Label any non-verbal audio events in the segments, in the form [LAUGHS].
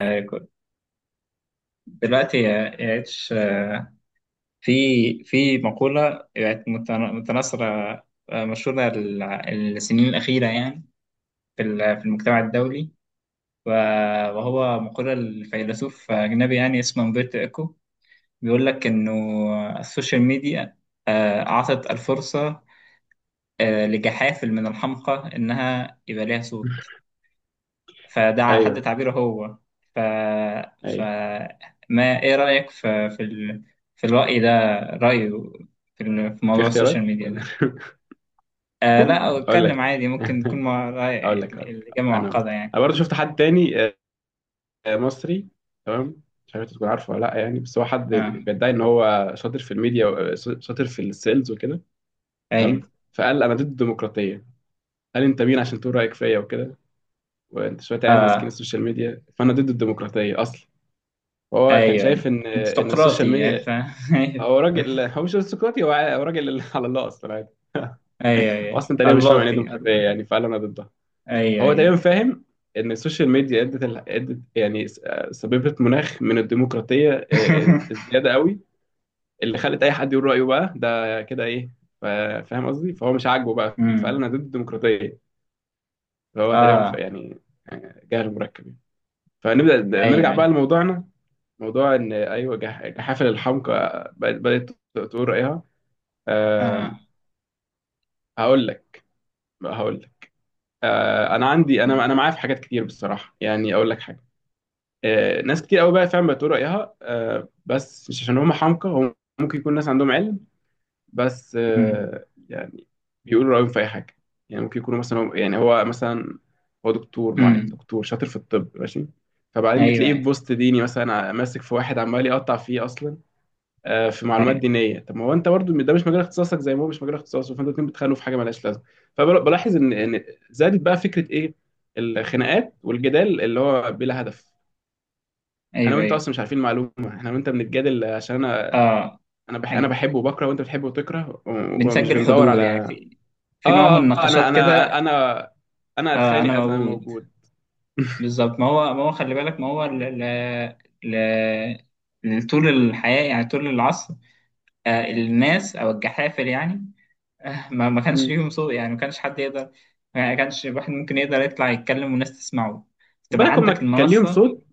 آه، كنت- دلوقتي يا اتش في في مقولة يعني متناثرة، مشهورة السنين الأخيرة يعني في المجتمع الدولي، و- وهو مقولة الفيلسوف أجنبي يعني اسمه أمبرتو إيكو. بيقول لك إنه السوشيال ميديا أعطت الفرصة لجحافل من الحمقى إنها يبقى ليها صوت. فده على حد ايوه، تعبيره هو. ف ف ايوه، ما ايه رأيك في الرأي ده، رأيه في في موضوع السوشيال اختيارات ميديا ولا؟ ده. لا، [LAUGHS] اقول اتكلم لك. عادي، ممكن تكون مع [LAUGHS] رأي، اقول لك اقول لك الإجابة اقول لك، معقدة يعني. انا برضه شفت حد تاني. مصري. تمام. مش عارف انت تكون عارفه ولا لا، يعني بس هو حد اه. بيدعي ان هو شاطر في الميديا شاطر في السيلز وكده. ايوه. تمام. فقال انا ضد الديمقراطيه، قال انت مين عشان تقول رايك فيا وكده، وانت شويه عيال ماسكين اه. السوشيال ميديا، فانا ضد الديمقراطيه اصلا. هو كان ايوه. شايف ان انت ان السوشيال سقراطي يعني ميديا. [LAUGHS] ايوه، هو راجل، هو مش ارستقراطي، هو راجل [LAUGHS] على الله اصلا. ايوه. هو ايوه، اصلا تقريبا مش فاهم يعني ايه اللوطي ديمقراطيه، يعني فعلا انا ضدها. ايوه، هو تقريبا ايوه. فاهم ان السوشيال ميديا ادت ال... ادت يعني س- آه، سببت مناخ من الديمقراطيه، [LAUGHS] الزياده قوي، اللي خلت اي حد يقول رايه، بقى ده كده ايه. ف- فاهم قصدي، فهو مش عاجبه بقى، فقال أمم. انا ضد الديمقراطيه. فهو تقريبا اه. يعني جهل مركب يعني. فنبدا ايوه، نرجع بقى ايوه. لموضوعنا، موضوع ان ايوه جحافل الحمقى بدات تقول رايها. أه... اه. هقول لك هقول لك. انا عندي، انا معايا في حاجات كتير بصراحه، يعني اقول لك حاجه. ناس كتير قوي بقى فعلا بتقول رايها، بس مش عشان هم حمقى، هم ممكن يكون ناس عندهم علم، بس أمم. يعني بيقولوا رايهم في اي حاجه. يعني ممكن يكونوا مثلا يعني هو مثلا هو دكتور، معايا أمم. دكتور شاطر في الطب، ماشي. فبعدين ايوه، بتلاقيه في ايوه. بوست ديني مثلا، ماسك في واحد عمال يقطع فيه اصلا في معلومات ايوه، دينيه. طب ما هو انت برضو ده مش مجال اختصاصك، زي ما هو مش مجال اختصاصه، فانتوا الاتنين بتخانقوا في حاجه مالهاش لازمه. فبلاحظ ان زادت بقى فكره ايه، الخناقات والجدال اللي هو بلا هدف. انا ايوه، وانت ايوه. اصلا مش عارفين المعلومه، احنا وانت بنتجادل عشان انا اه. انا نج- بحبه وبكره، وانت بتحبه وتكره، و- ومش بنسجل بندور حضور يعني على. في اه. في نوع من آه، آه، انا النقاشات انا كده. انا انا انا اتخانق اذا انا موجود. موجود. بالظبط، ما هو خلي بالك، ما هو طول الحياة يعني طول العصر، الناس او الجحافل يعني، ما كانش مم. ليهم صوت يعني، ما كانش حد يقدر، ما كانش واحد ممكن يقدر يطلع يتكلم والناس تسمعه، خد تبقى بالك، عندك هما كان ليهم المنصة. صوت،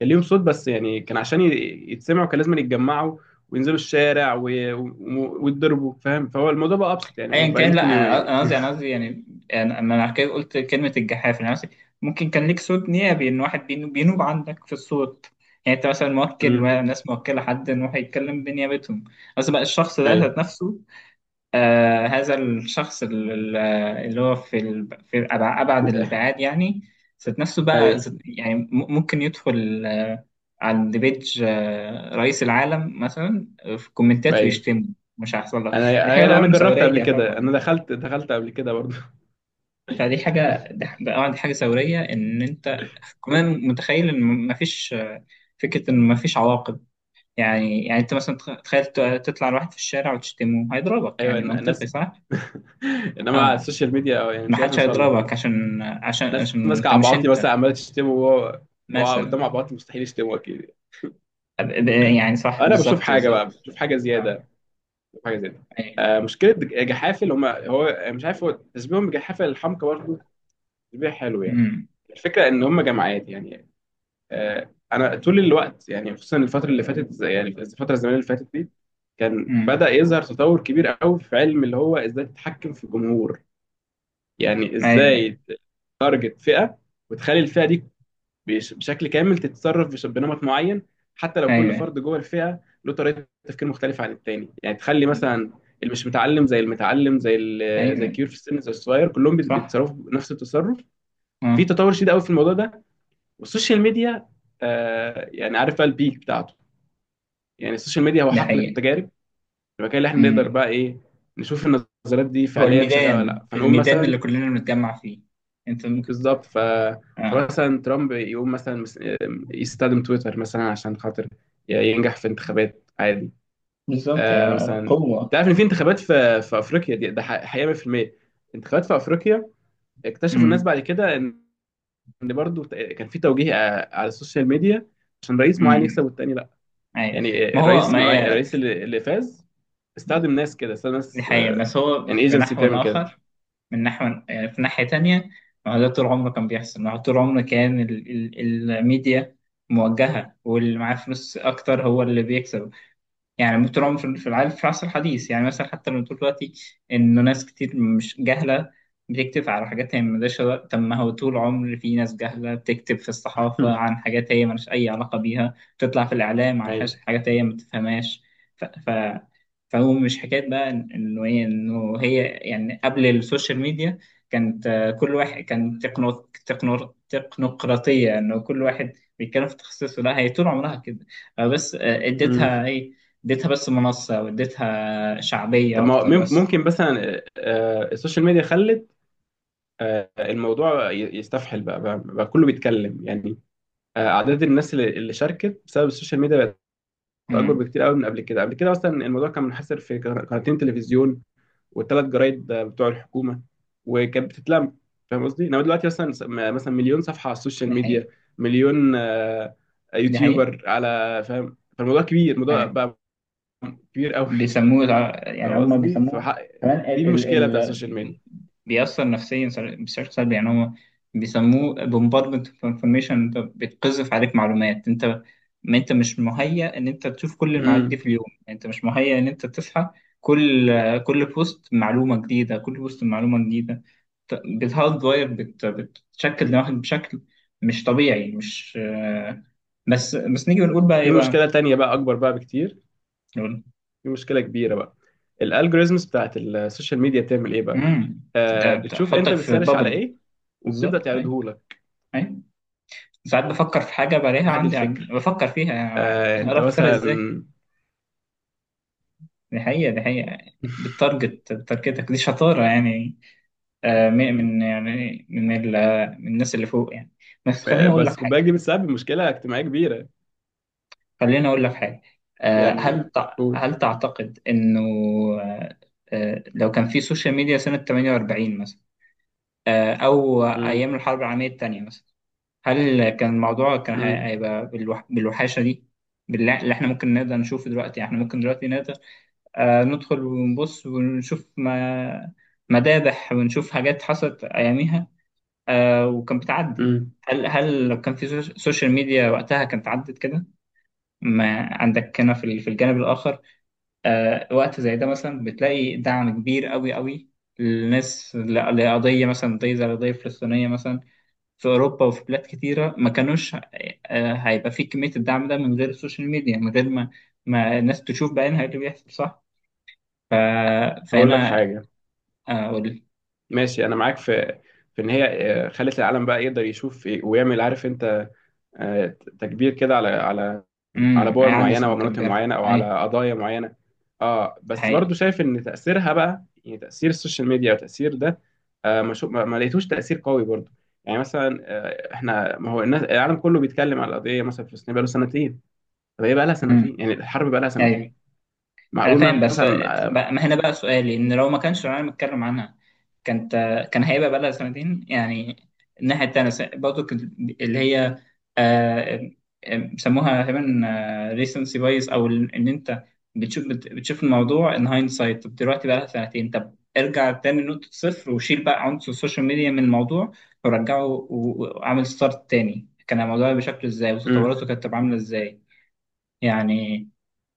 كان ليهم صوت بس، يعني كان عشان يتسمعوا كان لازم يتجمعوا وينزلوا الشارع ويتضربوا، فاهم؟ فهو الموضوع بقى ابسط ايا يعني، بقى كان، لا، ممكن انا قصدي، يعني، انا على كده قلت كلمه الجحافل، انا قصدي ممكن كان ليك صوت نيابي، ان واحد بينوب عندك في الصوت، يعني انت مثلا موكل مم. ناس، موكله حد ان هو هيتكلم بنيابتهم. قصدي بقى الشخص ده ذات ايوه، نفسه، هذا الشخص اللي هو في ال- في أبع- ابعد الابعاد يعني، ذات نفسه بقى، ايوه، يعني ممكن يدخل، عند بيج، رئيس العالم مثلا، في الكومنتات ايوه، ويشتمه، مش هيحصل لك. انا دي حاجه يعني طبعا انا جربت قبل ثوريه، كده، انا طبعا. دخلت قبل كده برضه. فدي حاجة، [LAUGHS] ده ده اه دي حاجة ثورية إن أنت كمان متخيل إن مفيش، فكرة إن مفيش عواقب. يعني أنت مثلا تخيل تطلع لواحد في الشارع وتشتمه، هيضربك، ايوه، يعني منطقي ناس. صح؟ [LAUGHS] انما على آه السوشيال ميديا، أو يعني مش عارف محدش يوصل لها. هيضربك، عشان ناس ماسكه أنت مش عبعاطي أنت مثلا، عماله تشتمه، وهو مثلا. قدام عبعاطي مستحيل يشتمه اكيد. أب- أب- يعني صح، انا بشوف بالظبط، حاجه بقى، بالظبط. بشوف حاجه آه، زياده، حاجه زي ده. أيوه. مشكله جحافل، هم هو مش عارف، هو تشبيههم بجحافل الحمقى برضه تشبيه حلو يعني. أمم، الفكره ان هم جماعات يعني. انا طول الوقت يعني، خصوصا الفتره اللي فاتت يعني الفتره الزمنيه اللي فاتت دي، كان أمم، بدا يظهر تطور كبير قوي في علم اللي هو ازاي تتحكم في الجمهور، يعني أيوه، ازاي تارجت فئه وتخلي الفئه دي بشكل كامل تتصرف بنمط معين، حتى لو كل أيوه، فرد جوه الفئه له طريقه تفكير مختلفه عن التاني، يعني تخلي مثلا اللي مش متعلم زي المتعلم، زي أيوه، الكبير في السن زي الصغير، كلهم صح. بيتصرفوا بنفس التصرف. في آه. تطور شديد قوي في الموضوع ده، والسوشيال ميديا يعني عارف بقى البيك بتاعته. يعني السوشيال ميديا هو ده حقل حقيقة. التجارب، المكان اللي احنا نقدر أمم. بقى ايه نشوف النظريات دي هو فعليا شغاله ولا الميدان، لا، فنقول الميدان اللي مثلا كلنا بنتجمع فيه، أنت ممكن. بالظبط اه. فمثلا ترامب يقوم مثلا يستخدم تويتر مثلا عشان خاطر ينجح في انتخابات عادي. بالظبط يعني مثلا، قوة. تعرف ان في انتخابات في افريقيا دي، ده حقيقه 100%. انتخابات في افريقيا اكتشفوا الناس امم. بعد كده ان برضو كان في توجيه على السوشيال ميديا عشان رئيس معين يكسب امم. والتاني لا. اي. يعني الرئيس ما هي الرئيس اللي فاز استخدم ناس كده، استخدم دي ناس، حقيقة، بس هو يعني في ايجنسي نحو بتعمل كده. آخر، من نحو يعني، في ناحية تانية. ما هو ده طول عمره كان بيحصل، ما هو طول عمره كان الميديا موجهة، واللي معاه فلوس أكتر هو اللي بيكسب. يعني مترام في العالم في العصر الحديث، يعني مثلا حتى لما تقول دلوقتي إنه ناس كتير مش جهلة بتكتب على حاجات هي طب ما هو طول عمر في ناس جهلة بتكتب في الصحافة [LAUGHS] عن حاجات هي ملهاش أي علاقة بيها، بتطلع في الإعلام عن حاجات، هي ما تفهمهاش. ف... ف... فهو مش حكاية بقى إنه هي يعني قبل السوشيال ميديا كانت، كل واحد كان تكنوقراطية، إنه كل واحد بيتكلم في تخصصه. لا هي طول عمرها كده، بس ايوه. اديتها إيه، اديتها بس منصة واديتها شعبية طب ما هو أكتر بس. ممكن مثلا السوشيال ميديا خلت الموضوع يستفحل بقى، بقى كله بيتكلم يعني. أعداد الناس اللي شاركت بسبب السوشيال ميديا بقت أكبر امم. بكتير قوي من قبل كده. قبل كده أصلا الموضوع كان منحصر في قناتين تلفزيون والثلاث جرايد بتوع الحكومة، وكانت بتتلم. فاهم قصدي؟ إنما دلوقتي مثلا، مثلا مليون صفحة على السوشيال دي حقيقة. ميديا، مليون دي حقيقة. يوتيوبر على، فاهم؟ فالموضوع كبير، الموضوع آه. بقى كبير قوي. بيسموه يعني فاهم هم قصدي؟ بيسموه كمان، دي ال المشكلة ال بتاع ال السوشيال ميديا. بيأثر نفسيا بشكل سلبي. يعني هم بيسموه bombardment of information، انت بتقذف عليك معلومات، انت ما انت مش مهيأ ان انت تشوف كل المعلومات دي امم. في اليوم، يعني انت مش مهيأ ان انت تصحى، كل كل بوست معلومة جديدة، كل بوست معلومة جديدة، بتهارد واير، بتشكل دماغك بشكل مش طبيعي، مش آه، بس نيجي بنقول بقى في ايه بقى. مشكله تانية بقى اكبر بقى بكتير، في مشكله كبيره بقى. الالجوريزمز بتاعت السوشيال ميديا بتعمل ايه بقى؟ امم. ده بتشوف انت بتحطك في بتسرش على بابل. ايه وبتبدا بالظبط. اي. تعرضه لك. اي. ساعات بفكر في حاجه بلاقيها واحد عندي، يعني الفكر، بفكر فيها، يعني انت اعرف افكر ازاي. مثلا. دي حقيقه، دي حقيقه. بالتارجت، بتارجتك، دي شطاره يعني، يعني من الناس اللي فوق يعني. بس خليني [LAUGHS] اقول بس لك خد حاجه، بالك، دي بتسبب مشكله اجتماعيه كبيره خليني اقول لك حاجه. يعني. قول. هل تعتقد انه، آه، لو كان في سوشيال ميديا سنه 48 مثلا، او امم ايام الحرب العالميه الثانيه مثلا، هل كان الموضوع كان امم هيبقى بالوحاشة دي؟ بالله، اللي احنا ممكن نقدر نشوفه دلوقتي، احنا ممكن دلوقتي نقدر ندخل ونبص ونشوف ما... مذابح ونشوف حاجات حصلت أياميها، وكان بتعدي. امم هل لو كان في سوشيال ميديا وقتها كانت عدت كده؟ ما عندك هنا في الجانب الآخر، وقت زي ده مثلا بتلاقي دعم كبير قوي قوي للناس، لقضية مثلا، قضية زي القضية الفلسطينية مثلا، في أوروبا وفي بلاد كتيرة ما كانوش، هيبقى في كمية الدعم ده من غير السوشيال ميديا، من غير ما ما الناس تشوف بعينها إيه اللي بيحصل، صح؟ ف... هقول لك فهنا حاجه. أقول. ماشي، انا معاك في ان هي خلت العالم بقى يقدر يشوف إيه ويعمل، عارف انت، آه، تكبير كده على على امم. بور هيعدي معينه سنة ومناطق مكبرة، معينه، او أيوة. على قضايا معينه. اه، دي بس حقيقة. برضو شايف ان تاثيرها بقى، يعني تاثير السوشيال ميديا وتاثير ده ما, شو ما ما لقيتوش تاثير قوي برضو. يعني مثلا احنا، ما هو الناس، العالم كله بيتكلم على القضيه مثلا في فلسطين بقى له سنتين. طب هي بقى لها امم. سنتين، يعني الحرب بقى لها أيوة. سنتين، انا معقول فاهم، بس مثلا؟ بقى، ما هنا بقى سؤالي، ان لو ما كانش العالم اتكلم عنها كانت، هيبقى بقى لها سنتين يعني؟ الناحيه التانيه برضو كانت، اللي هي آه، بيسموها تقريبا ريسنسي بايس، او ان انت بتشوف، بتشوف الموضوع ان هايند سايت. طب دلوقتي بقى لها سنتين، طب ارجع تاني لنقطه صفر وشيل بقى عنصر السوشيال ميديا من الموضوع، ورجعه وعمل ستارت تاني، كان الموضوع بشكل ازاي آه وتطوراته كانت تبقى عامله ازاي، يعني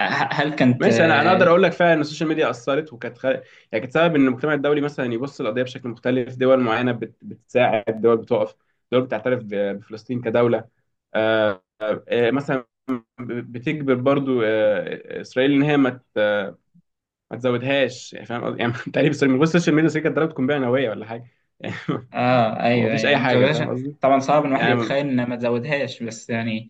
هل كانت. ماشي، انا اقدر اقول لك فعلا ان السوشيال ميديا اثرت، وكانت يعني كانت سبب ان المجتمع الدولي مثلا يبص للقضيه بشكل مختلف، دول معينه بتساعد، دول بتقف، دول بتعترف بفلسطين كدوله. آه، مثلا بتجبر برضو اسرائيل ان هي ما تزودهاش يعني، فاهم قصدي؟ يعني [LAUGHS] تقريبا اسرائيل من غير السوشيال ميديا، اسرائيل كانت ضربت قنبله نوويه ولا حاجه [LAUGHS] يعني. اه. هو ايوه، مفيش ايوه. اي ما حاجه، مزودهاش، فاهم قصدي؟ طبعا صعب ان الواحد يعني يتخيل ان ما تزودهاش، بس يعني،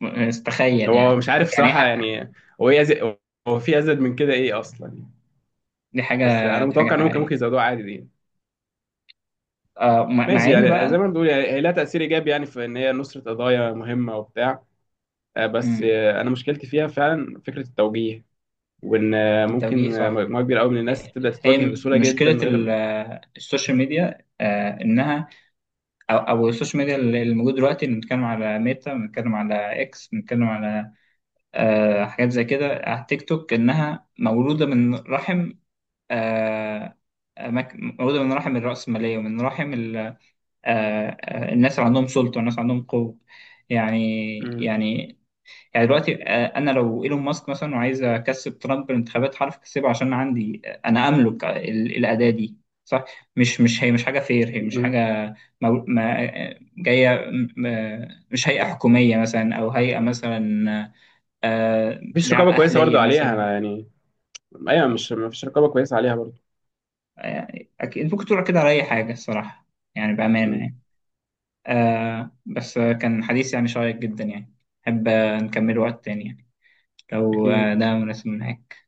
تخيل هو يعني، مش عارف يعني صراحه يعني، هو ايه هو في ازيد من كده ايه اصلا يعني. دي حاجه، بس انا دي حاجه متوقع ان هم كان ممكن حقيقيه. يزودوها عادي دي. مع ماشي، ان يعني بقى، زي ما بنقول يعني، هي لها تأثير إيجابي يعني في إن هي نصرة قضايا مهمة وبتاع. بس مم، أنا مشكلتي فيها فعلا فكرة التوجيه، وإن التوجيه ممكن صح. مجموعة كبيرة أوي من الناس تبدأ هي تتوجه بسهولة مشكله جدا من غير. السوشيال ميديا، انها، او السوشيال ميديا اللي موجود دلوقتي، اللي بنتكلم على ميتا، بنتكلم على اكس، بنتكلم على حاجات زي كده، على تيك توك، انها مولوده من رحم، آه مولوده من رحم الرأسمالية، ومن رحم الناس اللي عندهم سلطة والناس اللي عندهم قوة، يعني مم. يعني يعني دلوقتي، انا لو ايلون ماسك مثلا وعايز اكسب ترامب بالانتخابات هعرف اكسبه، عشان عندي، انا املك الاداة دي. صح. مش هي مش حاجة فير، هي مش مم. حاجة ما جاية مش هيئة حكومية مثلا او هيئة مثلا مفيش رقابة كويسة اهلية برضو عليها، مثلا. أنا يعني. أيوة، مش مفيش رقابة كويسة عليها برضو. آه، اكيد ممكن تقول كده على اي حاجة الصراحة، يعني بأمانة مم. يعني. بس كان حديث يعني شيق جدا يعني، أحب نكمله وقت تاني يعني لو أكيد. ده مناسب معاك.